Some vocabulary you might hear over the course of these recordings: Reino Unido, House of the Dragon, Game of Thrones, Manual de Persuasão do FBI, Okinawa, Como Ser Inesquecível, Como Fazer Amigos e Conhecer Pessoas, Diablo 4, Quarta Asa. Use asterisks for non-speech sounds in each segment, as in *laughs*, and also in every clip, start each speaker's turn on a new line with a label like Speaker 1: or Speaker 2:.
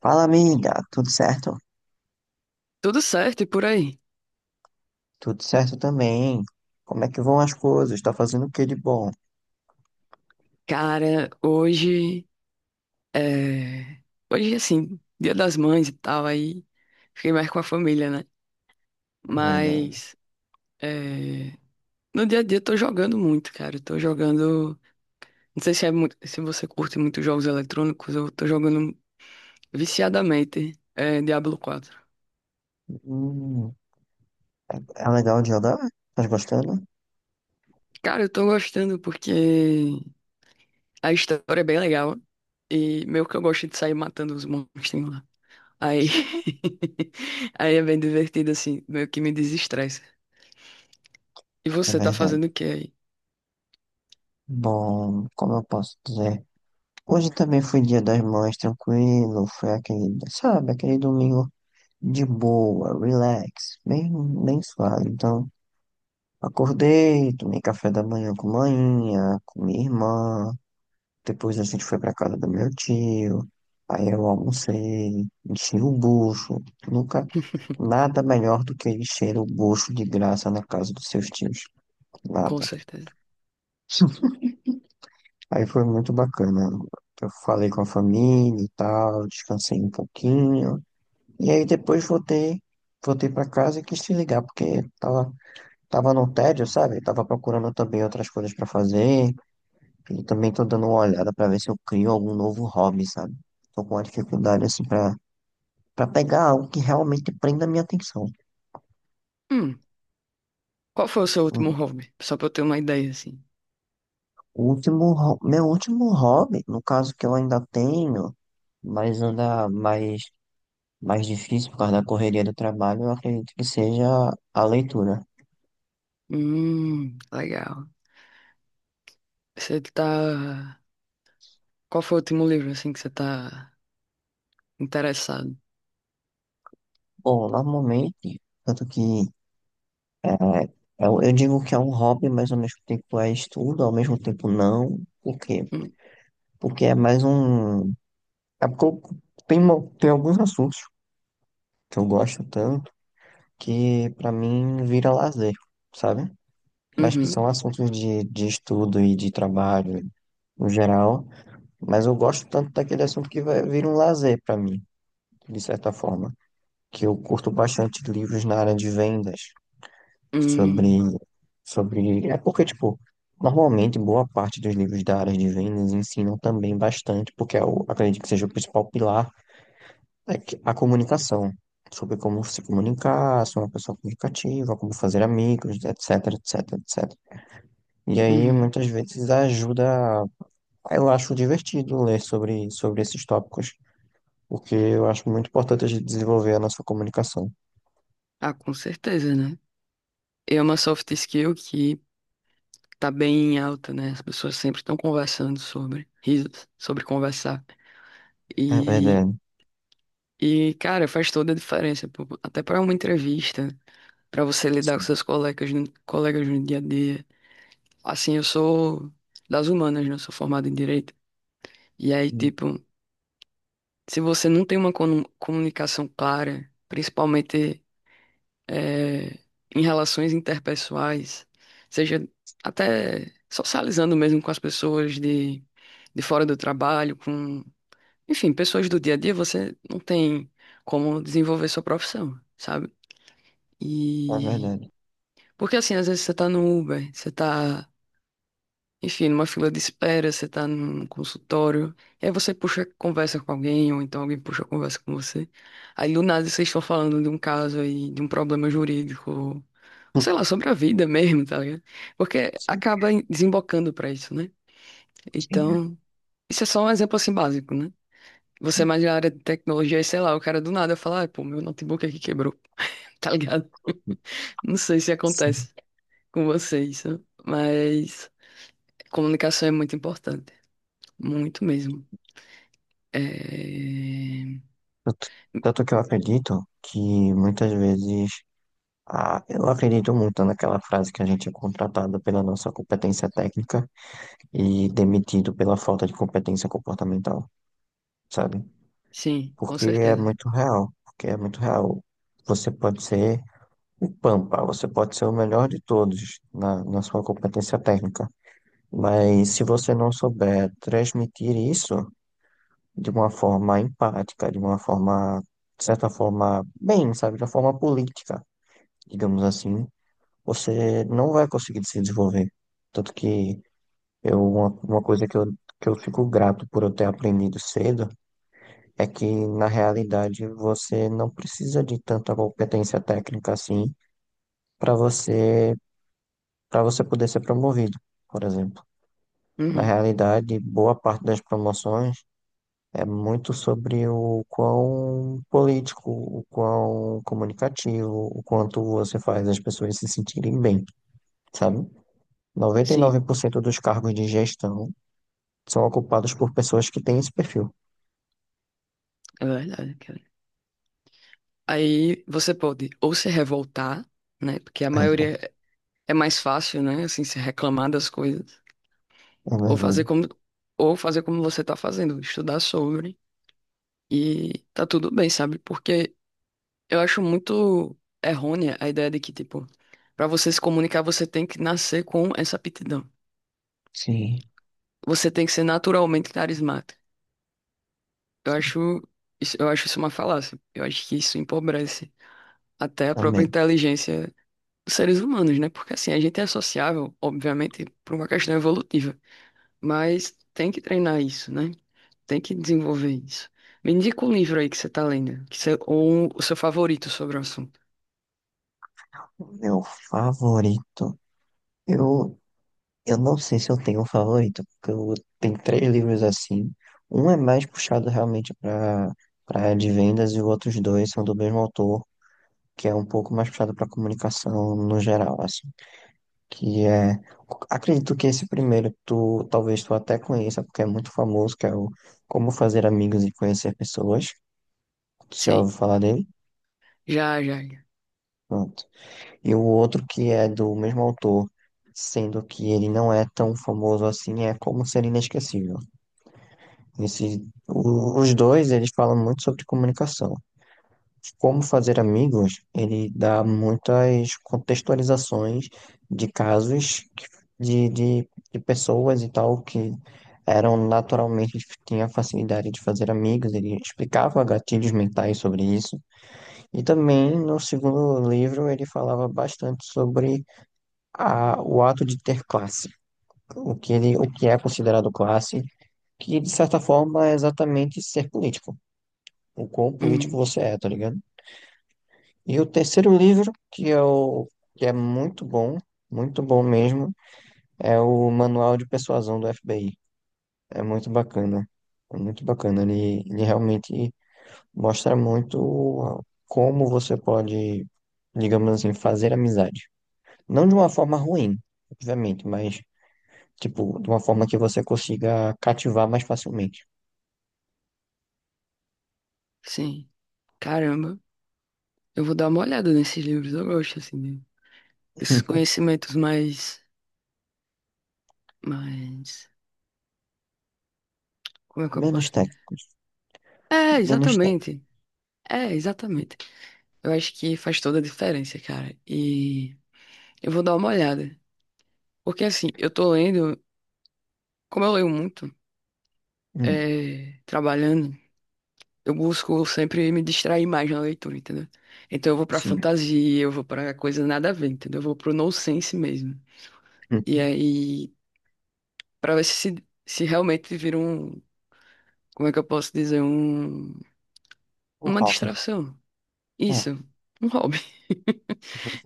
Speaker 1: Fala, amiga, tudo certo?
Speaker 2: Tudo certo e por aí.
Speaker 1: Tudo certo também. Como é que vão as coisas? Tá fazendo o que de bom?
Speaker 2: Cara, hoje é... hoje, assim, Dia das Mães e tal, aí fiquei mais com a família, né?
Speaker 1: É verdade.
Speaker 2: Mas é... no dia a dia eu tô jogando muito, cara. Eu tô jogando. Não sei se, se você curte muito jogos eletrônicos, eu tô jogando viciadamente Diablo 4.
Speaker 1: Hum, é é legal de andar? Tá gostando?
Speaker 2: Cara, eu tô gostando porque a história é bem legal. E meio que eu gosto de sair matando os monstros, né? Aí,
Speaker 1: Sim.
Speaker 2: *laughs* aí é bem divertido, assim, meio que me desestressa. E
Speaker 1: É
Speaker 2: você tá
Speaker 1: verdade.
Speaker 2: fazendo o que aí?
Speaker 1: Bom, como eu posso dizer? Hoje também foi dia das mães, tranquilo. Foi aquele, sabe, aquele domingo de boa, relax, bem, bem suave. Então, acordei, tomei café da manhã, com minha irmã. Depois a gente foi pra casa do meu tio. Aí eu almocei, enchi o bucho. Nunca, nada melhor do que encher o bucho de graça na casa dos seus tios.
Speaker 2: Com
Speaker 1: Nada.
Speaker 2: certeza.
Speaker 1: *laughs* Aí foi muito bacana. Eu falei com a família e tal, descansei um pouquinho. E aí depois voltei para casa e quis te ligar, porque tava no tédio, sabe? Tava procurando também outras coisas para fazer. Eu também tô dando uma olhada pra ver se eu crio algum novo hobby, sabe? Tô com uma dificuldade assim pra para pegar algo que realmente prenda a minha atenção.
Speaker 2: Hum, qual foi o seu último hobby? Só pra eu ter uma ideia, assim.
Speaker 1: O último, meu último hobby, no caso que eu ainda tenho, mas anda mais difícil por causa da correria do trabalho, eu acredito que seja a leitura.
Speaker 2: Legal. Você tá. Qual foi o último livro, assim, que você tá interessado?
Speaker 1: Bom, normalmente, tanto que é, eu digo que é um hobby, mas ao mesmo tempo é estudo, ao mesmo tempo não. Por quê?
Speaker 2: Hum,
Speaker 1: Porque é mais um. É porque tem, tem alguns assuntos que eu gosto tanto que pra mim vira lazer, sabe? Mas que
Speaker 2: uhum,
Speaker 1: são assuntos de estudo e de trabalho no geral. Mas eu gosto tanto daquele assunto que vir um lazer pra mim, de certa forma. Que eu curto bastante livros na área de vendas sobre,
Speaker 2: hum,
Speaker 1: sobre. É porque, tipo, normalmente boa parte dos livros da área de vendas ensinam também bastante, porque eu acredito que seja o principal pilar. É que a comunicação, sobre como se comunicar, ser uma pessoa comunicativa, como fazer amigos, etc, etc, etc. E aí,
Speaker 2: uhum.
Speaker 1: muitas vezes, ajuda. Eu acho divertido ler sobre esses tópicos, porque eu acho muito importante a gente desenvolver a nossa comunicação.
Speaker 2: Ah, com certeza, né? E é uma soft skill que tá bem em alta, né? As pessoas sempre estão conversando sobre risos, sobre conversar.
Speaker 1: É verdade.
Speaker 2: E, cara, faz toda a diferença, pô. Até para uma entrevista, para você lidar com
Speaker 1: Sim.
Speaker 2: seus colegas no dia a dia. Assim, eu sou das humanas, né? Eu sou formado em direito. E aí, tipo, se você não tem uma comunicação clara, principalmente eh, em relações interpessoais, seja até socializando mesmo com as pessoas de fora do trabalho, enfim, pessoas do dia a dia, você não tem como desenvolver sua profissão, sabe?
Speaker 1: É
Speaker 2: E
Speaker 1: verdade.
Speaker 2: porque assim, às vezes você tá no Uber, você tá, enfim, numa fila de espera, você tá num consultório, e aí você puxa conversa com alguém, ou então alguém puxa conversa com você. Aí do nada vocês estão falando de um caso aí, de um problema jurídico, sei lá,
Speaker 1: *laughs*
Speaker 2: sobre a vida mesmo, tá ligado? Porque
Speaker 1: Sim,
Speaker 2: acaba desembocando pra isso, né?
Speaker 1: sim,
Speaker 2: Então, isso é só um exemplo assim básico, né? Você é
Speaker 1: sim,
Speaker 2: mais da área de tecnologia, e sei lá, o cara do nada fala, ah, pô, meu notebook aqui quebrou, *laughs* tá ligado? Não sei se
Speaker 1: sim.
Speaker 2: acontece com vocês, né? Mas comunicação é muito importante, muito mesmo. É.
Speaker 1: Tanto tanto que eu acredito que muitas vezes. Ah, eu acredito muito naquela frase que a gente é contratado pela nossa competência técnica e demitido pela falta de competência comportamental, sabe?
Speaker 2: Sim, com
Speaker 1: Porque é
Speaker 2: certeza.
Speaker 1: muito real, porque é muito real. Você pode ser o pampa, você pode ser o melhor de todos na sua competência técnica, mas se você não souber transmitir isso de uma forma empática, de uma forma, de certa forma, bem, sabe, de uma forma política, digamos assim, você não vai conseguir se desenvolver. Tanto que uma coisa que eu fico grato por eu ter aprendido cedo. É que, na realidade, você não precisa de tanta competência técnica assim para você, para você poder ser promovido, por exemplo. Na
Speaker 2: Uhum.
Speaker 1: realidade, boa parte das promoções é muito sobre o quão político, o quão comunicativo, o quanto você faz as pessoas se sentirem bem, sabe?
Speaker 2: Sim,
Speaker 1: 99% dos cargos de gestão são ocupados por pessoas que têm esse perfil.
Speaker 2: é verdade, cara. Aí você pode ou se revoltar, né? Porque a
Speaker 1: É
Speaker 2: maioria é mais fácil, né? Assim, se reclamar das coisas,
Speaker 1: é
Speaker 2: ou fazer
Speaker 1: verdade.
Speaker 2: como, ou fazer como você tá fazendo, estudar sobre e tá tudo bem, sabe? Porque eu acho muito errônea a ideia de que, tipo, para você se comunicar, você tem que nascer com essa aptidão.
Speaker 1: Sim,
Speaker 2: Você tem que ser naturalmente carismático. Eu
Speaker 1: sim,
Speaker 2: acho isso, eu acho isso uma falácia. Eu acho que isso empobrece até a própria
Speaker 1: também.
Speaker 2: inteligência dos seres humanos, né? Porque assim, a gente é sociável, obviamente, por uma questão evolutiva, mas tem que treinar isso, né? Tem que desenvolver isso. Me indica um livro aí que você tá lendo, que você, ou um, o seu favorito sobre o assunto.
Speaker 1: O meu favorito. Eu, eu não sei se eu tenho um favorito, porque eu tenho três livros assim. Um é mais puxado realmente para área de vendas e os outros dois são do mesmo autor, que é um pouco mais puxado para comunicação no geral, assim. Que é, acredito que esse primeiro tu até conheça, porque é muito famoso, que é o Como Fazer Amigos e Conhecer Pessoas. Tu já
Speaker 2: Sim,
Speaker 1: ouviu falar dele?
Speaker 2: já, já. Já.
Speaker 1: Pronto. E o outro que é do mesmo autor, sendo que ele não é tão famoso assim, é Como Ser Inesquecível. Esse, os dois, eles falam muito sobre comunicação. Como fazer amigos, ele dá muitas contextualizações de casos de pessoas e tal que eram naturalmente, tinha facilidade de fazer amigos, ele explicava gatilhos mentais sobre isso. E também, no segundo livro, ele falava bastante sobre o ato de ter classe, o que é considerado classe, que de certa forma é exatamente ser político, o quão político
Speaker 2: Uhum,
Speaker 1: você é, tá ligado? E o terceiro livro, que é muito bom mesmo, é o Manual de Persuasão do FBI. É muito bacana. É muito bacana. Ele realmente mostra muito como você pode, digamos assim, fazer amizade. Não de uma forma ruim, obviamente, mas tipo, de uma forma que você consiga cativar mais facilmente.
Speaker 2: sim. Caramba, eu vou dar uma olhada nesses livros. Eu gosto assim, desses
Speaker 1: *laughs*
Speaker 2: conhecimentos mais. Como é que eu
Speaker 1: Menos
Speaker 2: posso dizer?
Speaker 1: técnicos.
Speaker 2: É,
Speaker 1: Menos técnicos.
Speaker 2: exatamente. É, exatamente. Eu acho que faz toda a diferença, cara. E eu vou dar uma olhada. Porque assim, eu tô lendo, como eu leio muito,
Speaker 1: Hum,
Speaker 2: trabalhando, eu busco sempre me distrair mais na leitura, entendeu? Então eu vou pra
Speaker 1: sim.
Speaker 2: fantasia, eu vou pra coisa nada a ver, entendeu? Eu vou pro nonsense mesmo. E
Speaker 1: Uhum.
Speaker 2: aí, pra ver se realmente vira um, como é que eu posso dizer, um,
Speaker 1: O
Speaker 2: uma
Speaker 1: hobby.
Speaker 2: distração.
Speaker 1: Ah.
Speaker 2: Isso, um hobby. *laughs*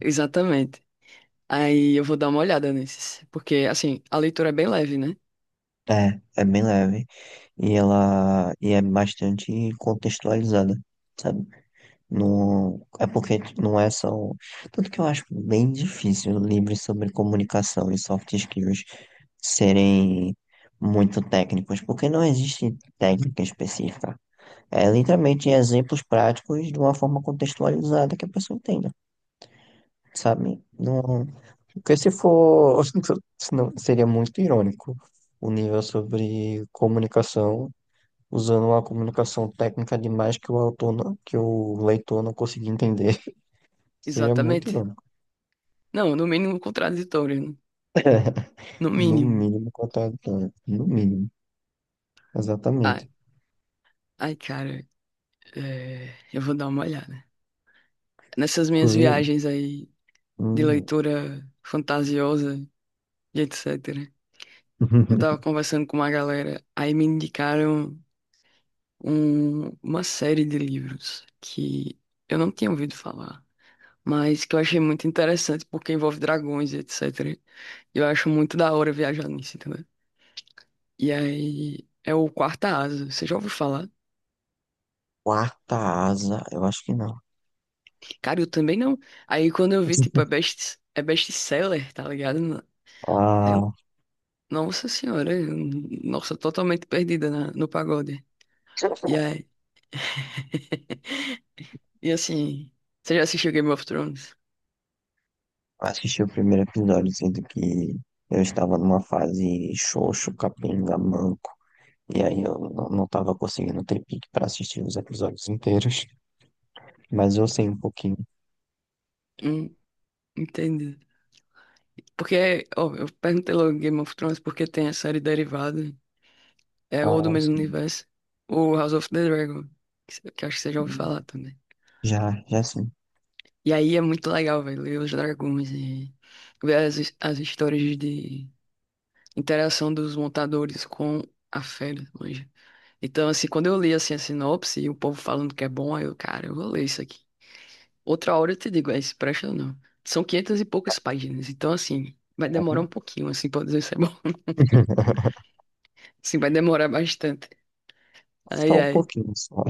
Speaker 2: Exatamente. Aí eu vou dar uma olhada nesses. Porque, assim, a leitura é bem leve, né?
Speaker 1: É, é bem leve. E ela e é bastante contextualizada, sabe? Não, é porque não é só. Um, Tanto que eu acho bem difícil livros sobre comunicação e soft skills serem muito técnicos, porque não existe técnica específica. É literalmente exemplos práticos de uma forma contextualizada que a pessoa entenda, sabe? Não, porque se for, *laughs* senão seria muito irônico o nível sobre comunicação, usando uma comunicação técnica demais que o autor não, que o leitor não conseguia entender. *laughs* Seria muito
Speaker 2: Exatamente.
Speaker 1: irônico.
Speaker 2: Não, no mínimo contraditório, né?
Speaker 1: *laughs*
Speaker 2: No
Speaker 1: No
Speaker 2: mínimo.
Speaker 1: mínimo, no mínimo,
Speaker 2: Ah,
Speaker 1: exatamente.
Speaker 2: ai, cara, eu vou dar uma olhada. Nessas minhas
Speaker 1: Inclusive,
Speaker 2: viagens aí de
Speaker 1: hum,
Speaker 2: leitura fantasiosa e etc. Eu tava
Speaker 1: *laughs*
Speaker 2: conversando com uma galera, aí me indicaram uma série de livros que eu não tinha ouvido falar, mas que eu achei muito interessante porque envolve dragões e etc. E eu acho muito da hora viajar nisso. E aí é o Quarta Asa, você já ouviu falar?
Speaker 1: quarta asa, eu acho que não.
Speaker 2: Cara, eu também não. Aí quando eu vi, tipo,
Speaker 1: *laughs*
Speaker 2: é best-seller, tá ligado? Aí eu,
Speaker 1: Ah.
Speaker 2: nossa senhora, nossa, totalmente perdida no pagode. E aí, *laughs* e assim, você já assistiu Game of Thrones?
Speaker 1: Assisti o primeiro episódio, sendo que eu estava numa fase xoxo, capenga, manco, e aí eu não estava conseguindo ter pique para assistir os episódios inteiros, mas eu sei um pouquinho.
Speaker 2: Hum. Entendi. Porque, ó, eu perguntei logo Game of Thrones porque tem a série derivada, ou do
Speaker 1: Ah,
Speaker 2: mesmo
Speaker 1: sim.
Speaker 2: universo, ou House of the Dragon, que acho que você já ouviu falar também.
Speaker 1: Já, já sim.
Speaker 2: E aí é muito legal, velho, ler os dragões e ver as histórias de interação dos montadores com a fera, manja. Então, assim, quando eu li, assim, a sinopse e o povo falando que é bom, aí eu, cara, eu vou ler isso aqui. Outra hora eu te digo, se presta ou não. São 500 e poucas páginas, então, assim, vai demorar um
Speaker 1: Uhum.
Speaker 2: pouquinho, assim, pra eu dizer se é bom.
Speaker 1: *laughs*
Speaker 2: Assim, vai demorar bastante. Ai,
Speaker 1: Só um
Speaker 2: ai.
Speaker 1: pouquinho, só.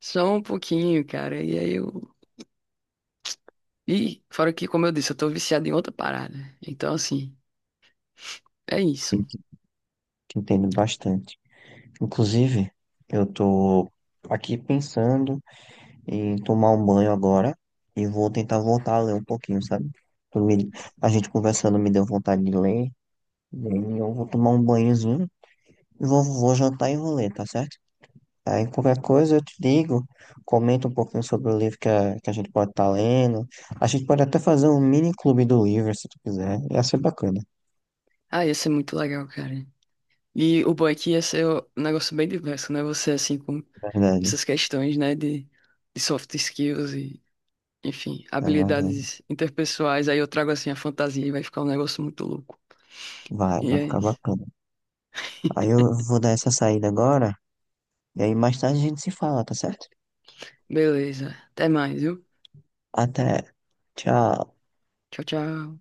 Speaker 2: Só um pouquinho, cara. E aí eu. E fora que, como eu disse, eu tô viciado em outra parada. Então, assim, é
Speaker 1: Eu
Speaker 2: isso.
Speaker 1: que entendo bastante. Inclusive, eu tô aqui pensando em tomar um banho agora e vou tentar voltar a ler um pouquinho, sabe? Tu me- A gente conversando me deu vontade de ler. E aí eu vou tomar um banhozinho e vou jantar e vou ler, tá certo? Aí qualquer coisa eu te digo, comenta um pouquinho sobre o livro que que a gente pode estar lendo. A gente pode até fazer um mini clube do livro, se tu quiser. Ia ser bacana,
Speaker 2: Ah, ia ser muito legal, cara. E o bom é que ia ser um negócio bem diverso, né? Você, assim, com
Speaker 1: na verdade.
Speaker 2: essas questões, né? De soft skills e, enfim,
Speaker 1: É, vai,
Speaker 2: habilidades interpessoais. Aí eu trago, assim, a fantasia e vai ficar um negócio muito louco.
Speaker 1: vai
Speaker 2: E
Speaker 1: vai
Speaker 2: é
Speaker 1: ficar
Speaker 2: isso.
Speaker 1: bacana. Aí eu
Speaker 2: *laughs*
Speaker 1: vou dar essa saída agora, e aí mais tarde a gente se fala, tá certo?
Speaker 2: Beleza. Até mais, viu?
Speaker 1: Até. Tchau.
Speaker 2: Tchau, tchau.